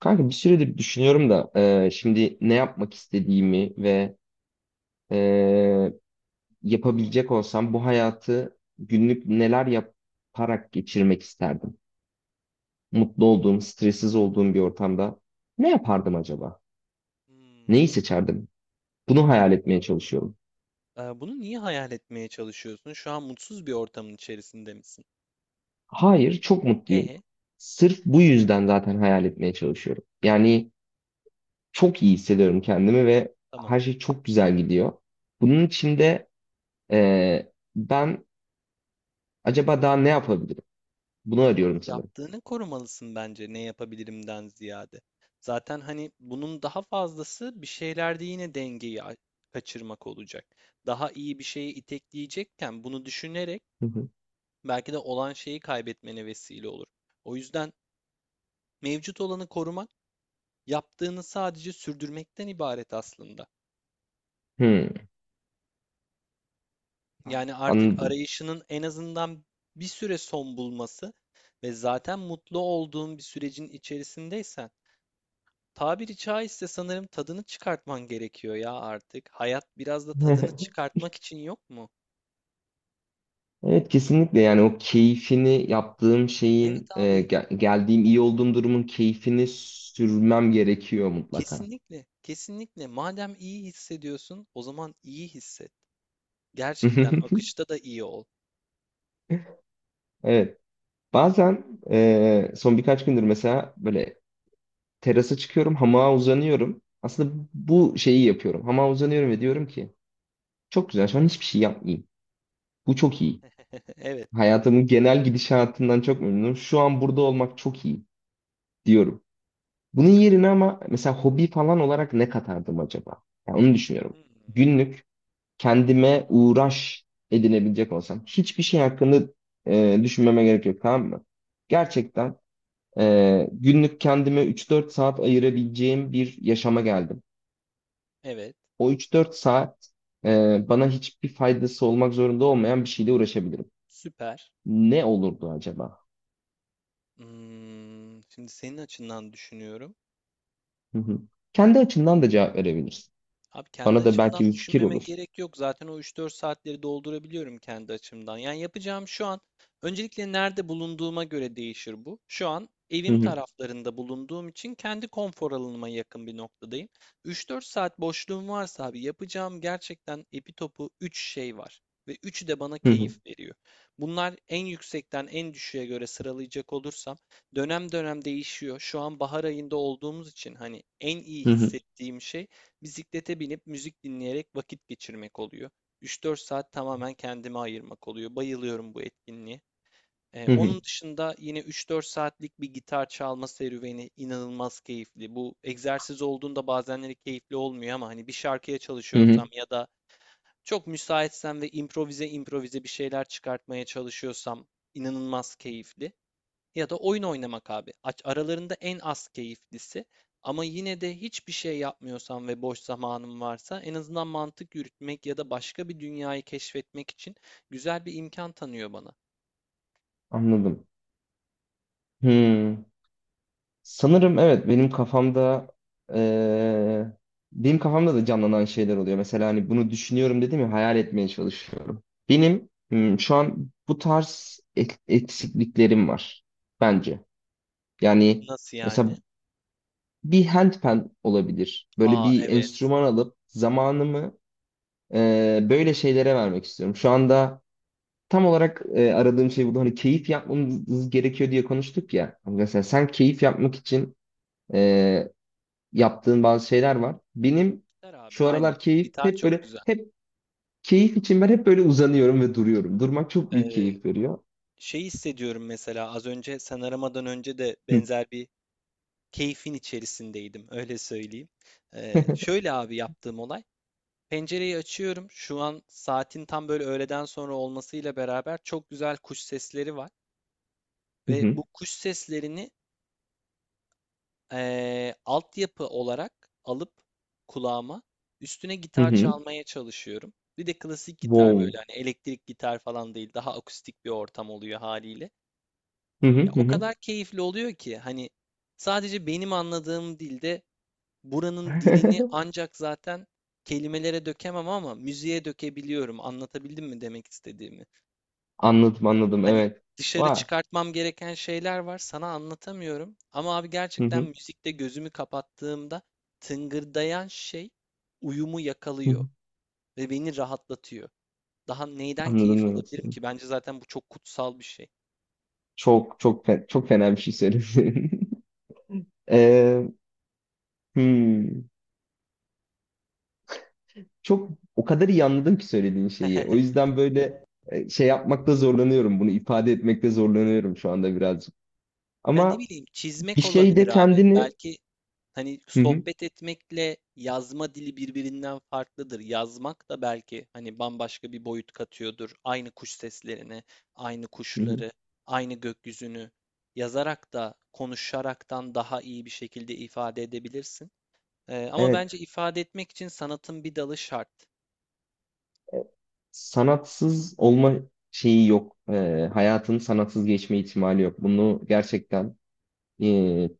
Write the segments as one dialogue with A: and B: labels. A: Kanka bir süredir düşünüyorum da şimdi ne yapmak istediğimi ve e, yapabilecek olsam bu hayatı günlük neler yaparak geçirmek isterdim. Mutlu olduğum, stressiz olduğum bir ortamda ne yapardım acaba?
B: Hımm.
A: Neyi seçerdim? Bunu hayal etmeye çalışıyorum.
B: Bunu niye hayal etmeye çalışıyorsun? Şu an mutsuz bir ortamın içerisinde misin?
A: Hayır, çok mutluyum.
B: E,
A: Sırf bu yüzden zaten hayal etmeye çalışıyorum. Yani çok iyi hissediyorum kendimi ve her
B: tamam.
A: şey çok güzel gidiyor. Bunun için de ben acaba daha ne yapabilirim? Bunu
B: Abi,
A: arıyorum sanırım.
B: yaptığını korumalısın bence ne yapabilirimden ziyade. Zaten hani bunun daha fazlası bir şeylerde yine dengeyi a- kaçırmak olacak. Daha iyi bir şeye itekleyecekken bunu düşünerek
A: Hı hı.
B: belki de olan şeyi kaybetmene vesile olur. O yüzden mevcut olanı korumak yaptığını sadece sürdürmekten ibaret aslında.
A: Hmm,
B: Yani artık
A: anladım.
B: arayışının en azından bir süre son bulması ve zaten mutlu olduğun bir sürecin içerisindeysen tabiri caizse sanırım tadını çıkartman gerekiyor ya artık. Hayat biraz da tadını çıkartmak için yok mu?
A: Evet kesinlikle, yani o keyfini yaptığım
B: Evet
A: şeyin,
B: abi,
A: geldiğim iyi olduğum durumun keyfini sürmem gerekiyor mutlaka.
B: kesinlikle, kesinlikle. Madem iyi hissediyorsun, o zaman iyi hisset. Gerçekten akışta da iyi ol.
A: Evet, bazen, son birkaç gündür mesela böyle terasa çıkıyorum, hamağa uzanıyorum. Aslında bu şeyi yapıyorum, hamağa uzanıyorum ve diyorum ki çok güzel şu an, hiçbir şey yapmayayım. Bu çok iyi.
B: Evet.
A: Hayatımın genel gidişatından çok memnunum. Şu an burada olmak çok iyi diyorum. Bunun yerine ama mesela hobi falan olarak ne katardım acaba? Yani onu
B: Hı
A: düşünüyorum.
B: hı.
A: Günlük kendime uğraş edinebilecek olsam. Hiçbir şey hakkında düşünmeme gerek yok, tamam mı? Gerçekten günlük kendime 3-4 saat ayırabileceğim bir yaşama geldim.
B: Evet.
A: O 3-4 saat, bana hiçbir faydası olmak zorunda olmayan bir şeyle uğraşabilirim.
B: Süper.
A: Ne olurdu acaba?
B: Şimdi senin açından düşünüyorum.
A: Hı hı. Kendi açımdan da cevap verebilirsin.
B: Abi kendi
A: Bana da
B: açımdan
A: belki bir fikir
B: düşünmeme
A: olur.
B: gerek yok. Zaten o 3-4 saatleri doldurabiliyorum kendi açımdan. Yani yapacağım şu an öncelikle nerede bulunduğuma göre değişir bu. Şu an
A: Hı
B: evim
A: hı.
B: taraflarında bulunduğum için kendi konfor alanıma yakın bir noktadayım. 3-4 saat boşluğum varsa abi yapacağım gerçekten epi topu 3 şey var. Ve üçü de bana
A: Hı hı.
B: keyif veriyor. Bunlar en yüksekten en düşüğe göre sıralayacak olursam dönem dönem değişiyor. Şu an bahar ayında olduğumuz için hani en iyi
A: Hı hı.
B: hissettiğim şey bisiklete binip müzik dinleyerek vakit geçirmek oluyor. 3-4 saat tamamen kendime ayırmak oluyor. Bayılıyorum bu etkinliğe. Ee,
A: Hı hı.
B: onun dışında yine 3-4 saatlik bir gitar çalma serüveni inanılmaz keyifli. Bu egzersiz olduğunda bazenleri keyifli olmuyor ama hani bir şarkıya
A: Hı
B: çalışıyorsam
A: hı,
B: ya da çok müsaitsem ve improvize improvize bir şeyler çıkartmaya çalışıyorsam inanılmaz keyifli ya da oyun oynamak abi. Aralarında en az keyiflisi. Ama yine de hiçbir şey yapmıyorsam ve boş zamanım varsa en azından mantık yürütmek ya da başka bir dünyayı keşfetmek için güzel bir imkan tanıyor bana.
A: anladım. Hmm. Sanırım evet, benim kafamda eee, benim kafamda da canlanan şeyler oluyor. Mesela hani bunu düşünüyorum dedim ya, hayal etmeye çalışıyorum. Benim hmm, şu an bu tarz eksikliklerim var bence. Yani
B: Nasıl yani?
A: mesela bir handpan olabilir. Böyle
B: Aa
A: bir
B: evet.
A: enstrüman alıp zamanımı böyle şeylere vermek istiyorum. Şu anda tam olarak aradığım şey bu. Hani keyif yapmamız gerekiyor diye konuştuk ya. Hani
B: Hı,
A: mesela sen keyif yapmak için e, yaptığın bazı şeyler var. Benim
B: gitar abi
A: şu
B: aynen.
A: aralar keyif
B: Gitar
A: hep
B: çok
A: böyle,
B: güzel.
A: hep keyif için ben hep böyle uzanıyorum ve duruyorum. Durmak çok büyük
B: Ee,
A: keyif veriyor.
B: şey hissediyorum mesela az önce sen aramadan önce de
A: Hı
B: benzer bir keyfin içerisindeydim öyle söyleyeyim. Şöyle abi yaptığım olay. Pencereyi açıyorum. Şu an saatin tam böyle öğleden sonra olmasıyla beraber çok güzel kuş sesleri var.
A: hı
B: Ve
A: hı
B: bu kuş seslerini altyapı olarak alıp kulağıma üstüne
A: hı.
B: gitar
A: Hı.
B: çalmaya çalışıyorum. Bir de klasik gitar,
A: Wow.
B: böyle hani elektrik gitar falan değil, daha akustik bir ortam oluyor haliyle.
A: Hı hı
B: Ya
A: hı.
B: o
A: Hı.
B: kadar keyifli oluyor ki hani sadece benim anladığım dilde, buranın dilini ancak zaten kelimelere dökemem ama müziğe dökebiliyorum. Anlatabildim mi demek istediğimi?
A: Anladım, anladım,
B: Hani
A: evet.
B: dışarı
A: Vay.
B: çıkartmam gereken şeyler var, sana anlatamıyorum. Ama abi
A: Hı
B: gerçekten
A: hı
B: müzikte gözümü kapattığımda tıngırdayan şey uyumu
A: hı.
B: yakalıyor
A: Hı.
B: ve beni rahatlatıyor. Daha neyden keyif
A: Anladım, evet.
B: alabilirim ki? Bence zaten bu çok kutsal bir şey.
A: Çok çok çok fena bir şey söyledin. Ee, hmm. Çok, o kadar iyi anladım ki söylediğin şeyi. O yüzden böyle şey yapmakta zorlanıyorum. Bunu ifade etmekte zorlanıyorum şu anda birazcık.
B: Ya ne
A: Ama
B: bileyim,
A: bir
B: çizmek olabilir
A: şeyde
B: abi.
A: kendini.
B: Belki hani
A: Hı hı,
B: sohbet etmekle yazma dili birbirinden farklıdır. Yazmak da belki hani bambaşka bir boyut katıyordur. Aynı kuş seslerini, aynı
A: hı hı.
B: kuşları, aynı gökyüzünü yazarak da konuşaraktan daha iyi bir şekilde ifade edebilirsin. Ama
A: Evet,
B: bence ifade etmek için sanatın bir dalı şart.
A: sanatsız olma şeyi yok. Hayatın sanatsız geçme ihtimali yok. Bunu gerçekten, e,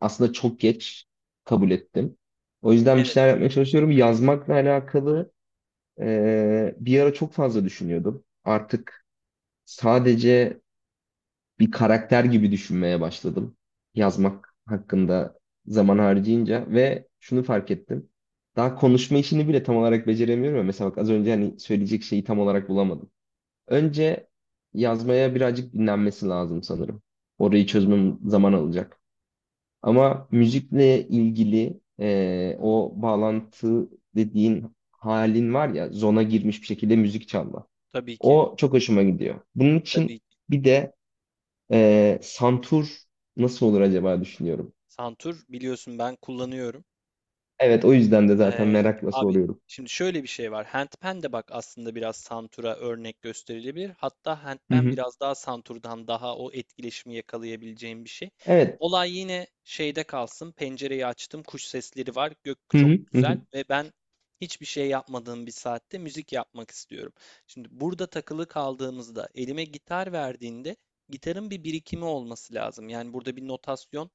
A: aslında çok geç kabul ettim. O yüzden bir
B: Evet,
A: şeyler yapmaya çalışıyorum. Yazmakla alakalı bir ara çok fazla düşünüyordum. Artık sadece bir karakter gibi düşünmeye başladım. Yazmak hakkında zaman harcayınca ve şunu fark ettim. Daha konuşma işini bile tam olarak beceremiyorum ya. Mesela bak az önce hani söyleyecek şeyi tam olarak bulamadım. Önce yazmaya birazcık dinlenmesi lazım sanırım. Orayı çözmem zaman alacak. Ama müzikle ilgili o bağlantı dediğin halin var ya, zona girmiş bir şekilde müzik çalma.
B: tabii ki.
A: O çok hoşuma gidiyor. Bunun
B: Tabii
A: için
B: ki.
A: bir de santur nasıl olur acaba düşünüyorum.
B: Santur biliyorsun, ben kullanıyorum.
A: Evet, o yüzden de zaten
B: Eee,
A: merakla
B: abi
A: soruyorum.
B: şimdi şöyle bir şey var. Handpan de bak, aslında biraz santura örnek gösterilebilir. Hatta
A: Hı
B: handpan
A: hı.
B: biraz daha santurdan daha o etkileşimi yakalayabileceğim bir şey.
A: Evet.
B: Olay yine şeyde kalsın. Pencereyi açtım, kuş sesleri var. Gök
A: Hı hı.
B: çok
A: Hı
B: güzel
A: hı.
B: ve ben hiçbir şey yapmadığım bir saatte müzik yapmak istiyorum. Şimdi burada takılı kaldığımızda elime gitar verdiğinde, gitarın bir birikimi olması lazım. Yani burada bir notasyon,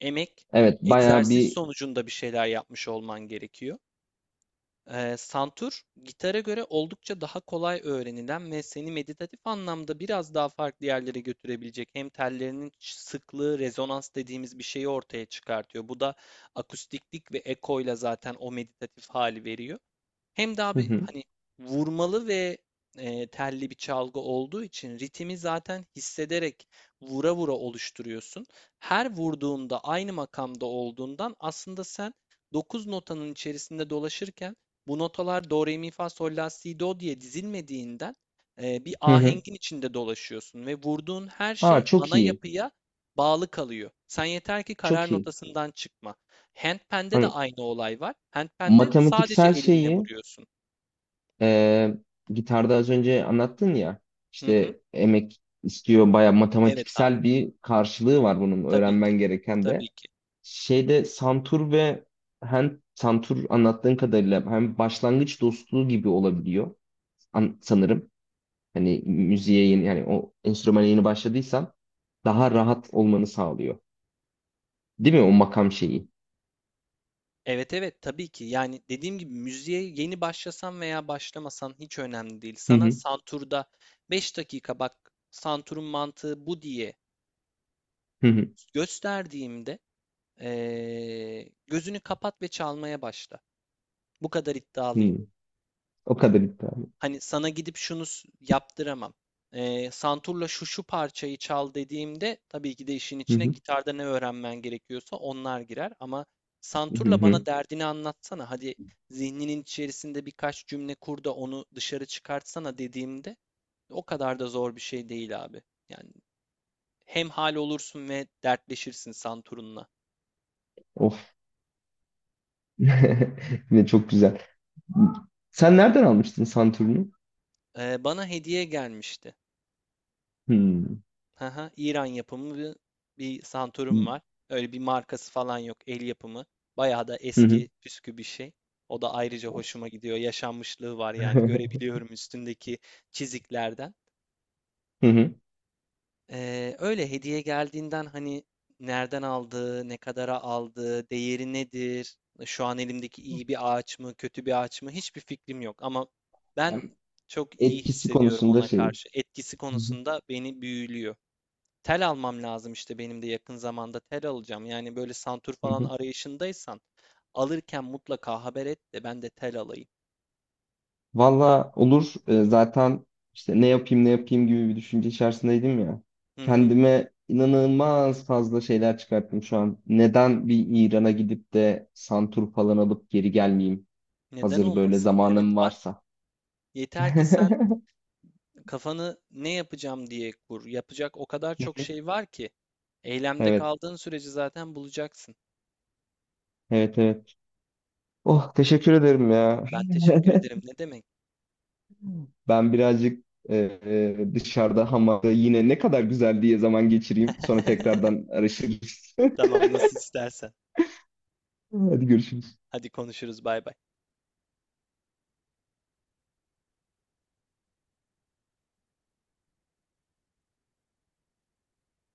B: emek,
A: Evet, bayağı
B: egzersiz
A: bir.
B: sonucunda bir şeyler yapmış olman gerekiyor. Santur, gitara göre oldukça daha kolay öğrenilen ve seni meditatif anlamda biraz daha farklı yerlere götürebilecek, hem tellerinin sıklığı, rezonans dediğimiz bir şeyi ortaya çıkartıyor. Bu da akustiklik ve ekoyla zaten o meditatif hali veriyor. Hem daha
A: Hı
B: bir
A: hı.
B: hani vurmalı ve telli bir çalgı olduğu için ritmi zaten hissederek vura vura oluşturuyorsun. Her vurduğunda aynı makamda olduğundan aslında sen 9 notanın içerisinde dolaşırken, bu notalar do, re, mi, fa, sol, la, si, do diye dizilmediğinden, bir
A: Hı hı.
B: ahengin içinde dolaşıyorsun ve vurduğun her şey
A: Aa, çok
B: ana
A: iyi.
B: yapıya bağlı kalıyor. Sen yeter ki karar
A: Çok iyi.
B: notasından çıkma. Handpan'de de
A: Hani
B: aynı olay var. Handpan'de sadece
A: matematiksel
B: elinle
A: şeyi,
B: vuruyorsun.
A: e, gitarda az önce anlattın ya,
B: Hı hı.
A: işte emek istiyor, bayağı
B: Evet abi.
A: matematiksel bir karşılığı var bunun
B: Tabii ki.
A: öğrenmen gereken de.
B: Tabii ki.
A: Şeyde santur ve hem santur, anlattığın kadarıyla hem başlangıç dostluğu gibi olabiliyor, sanırım. Hani müziğe yeni, yani o enstrümana yeni başladıysan daha rahat olmanı sağlıyor. Değil mi o makam şeyi?
B: Evet, evet, tabii ki. Yani dediğim gibi müziğe yeni başlasan veya başlamasan hiç önemli değil.
A: Hı
B: Sana
A: hı
B: santurda 5 dakika bak, santurun mantığı bu diye
A: hı hı.
B: gösterdiğimde gözünü kapat ve çalmaya başla. Bu kadar iddialıyım.
A: Hı. O kadar iddialı.
B: Hani sana gidip şunu s- yaptıramam. Santurla şu şu parçayı çal dediğimde tabii ki de işin
A: Hı
B: içine
A: hı
B: gitarda ne öğrenmen gerekiyorsa onlar girer, ama
A: hı
B: santurla
A: hı.
B: bana derdini anlatsana. Hadi zihninin içerisinde birkaç cümle kur da onu dışarı çıkartsana dediğimde o kadar da zor bir şey değil abi. Yani hem hal olursun ve dertleşirsin santurunla.
A: Of. Yine çok güzel. Sen nereden almıştın santurunu?
B: Bana hediye gelmişti.
A: Hı
B: Hı hı. İran yapımı bir
A: hı
B: Santorum var. Öyle bir markası falan yok. El yapımı. Bayağı da
A: hı.
B: eski püskü bir şey. O da ayrıca
A: Of.
B: hoşuma gidiyor. Yaşanmışlığı var yani. Görebiliyorum üstündeki çiziklerden.
A: Hı hı.
B: Öyle hediye geldiğinden hani nereden aldığı, ne kadara aldığı, değeri nedir? Şu an elimdeki iyi bir ağaç mı, kötü bir ağaç mı? Hiçbir fikrim yok. Ama ben çok iyi
A: Etkisi
B: hissediyorum
A: konusunda
B: ona
A: şey.
B: karşı. Etkisi
A: Hı hı.
B: konusunda beni büyülüyor. Tel almam lazım, işte benim de yakın zamanda tel alacağım. Yani böyle santur
A: Hı
B: falan
A: hı.
B: arayışındaysan, alırken mutlaka haber et de ben de tel alayım.
A: Valla olur. Zaten işte ne yapayım ne yapayım gibi bir düşünce içerisindeydim ya.
B: Hı hı.
A: Kendime inanılmaz fazla şeyler çıkarttım şu an. Neden bir İran'a gidip de santur falan alıp geri gelmeyeyim?
B: Neden
A: Hazır böyle
B: olmasın? Evet
A: zamanım
B: bak,
A: varsa.
B: yeter ki sen kafanı ne yapacağım diye kur. Yapacak o kadar çok şey var ki. Eylemde
A: Evet,
B: kaldığın sürece zaten bulacaksın.
A: evet, evet. Oh, teşekkür ederim ya.
B: Ben teşekkür ederim. Ne demek?
A: Ben birazcık dışarıda hamamda yine ne kadar güzel diye zaman geçireyim. Sonra tekrardan arayışa gireriz.
B: Tamam, nasıl istersen.
A: Hadi görüşürüz.
B: Hadi konuşuruz. Bay bay.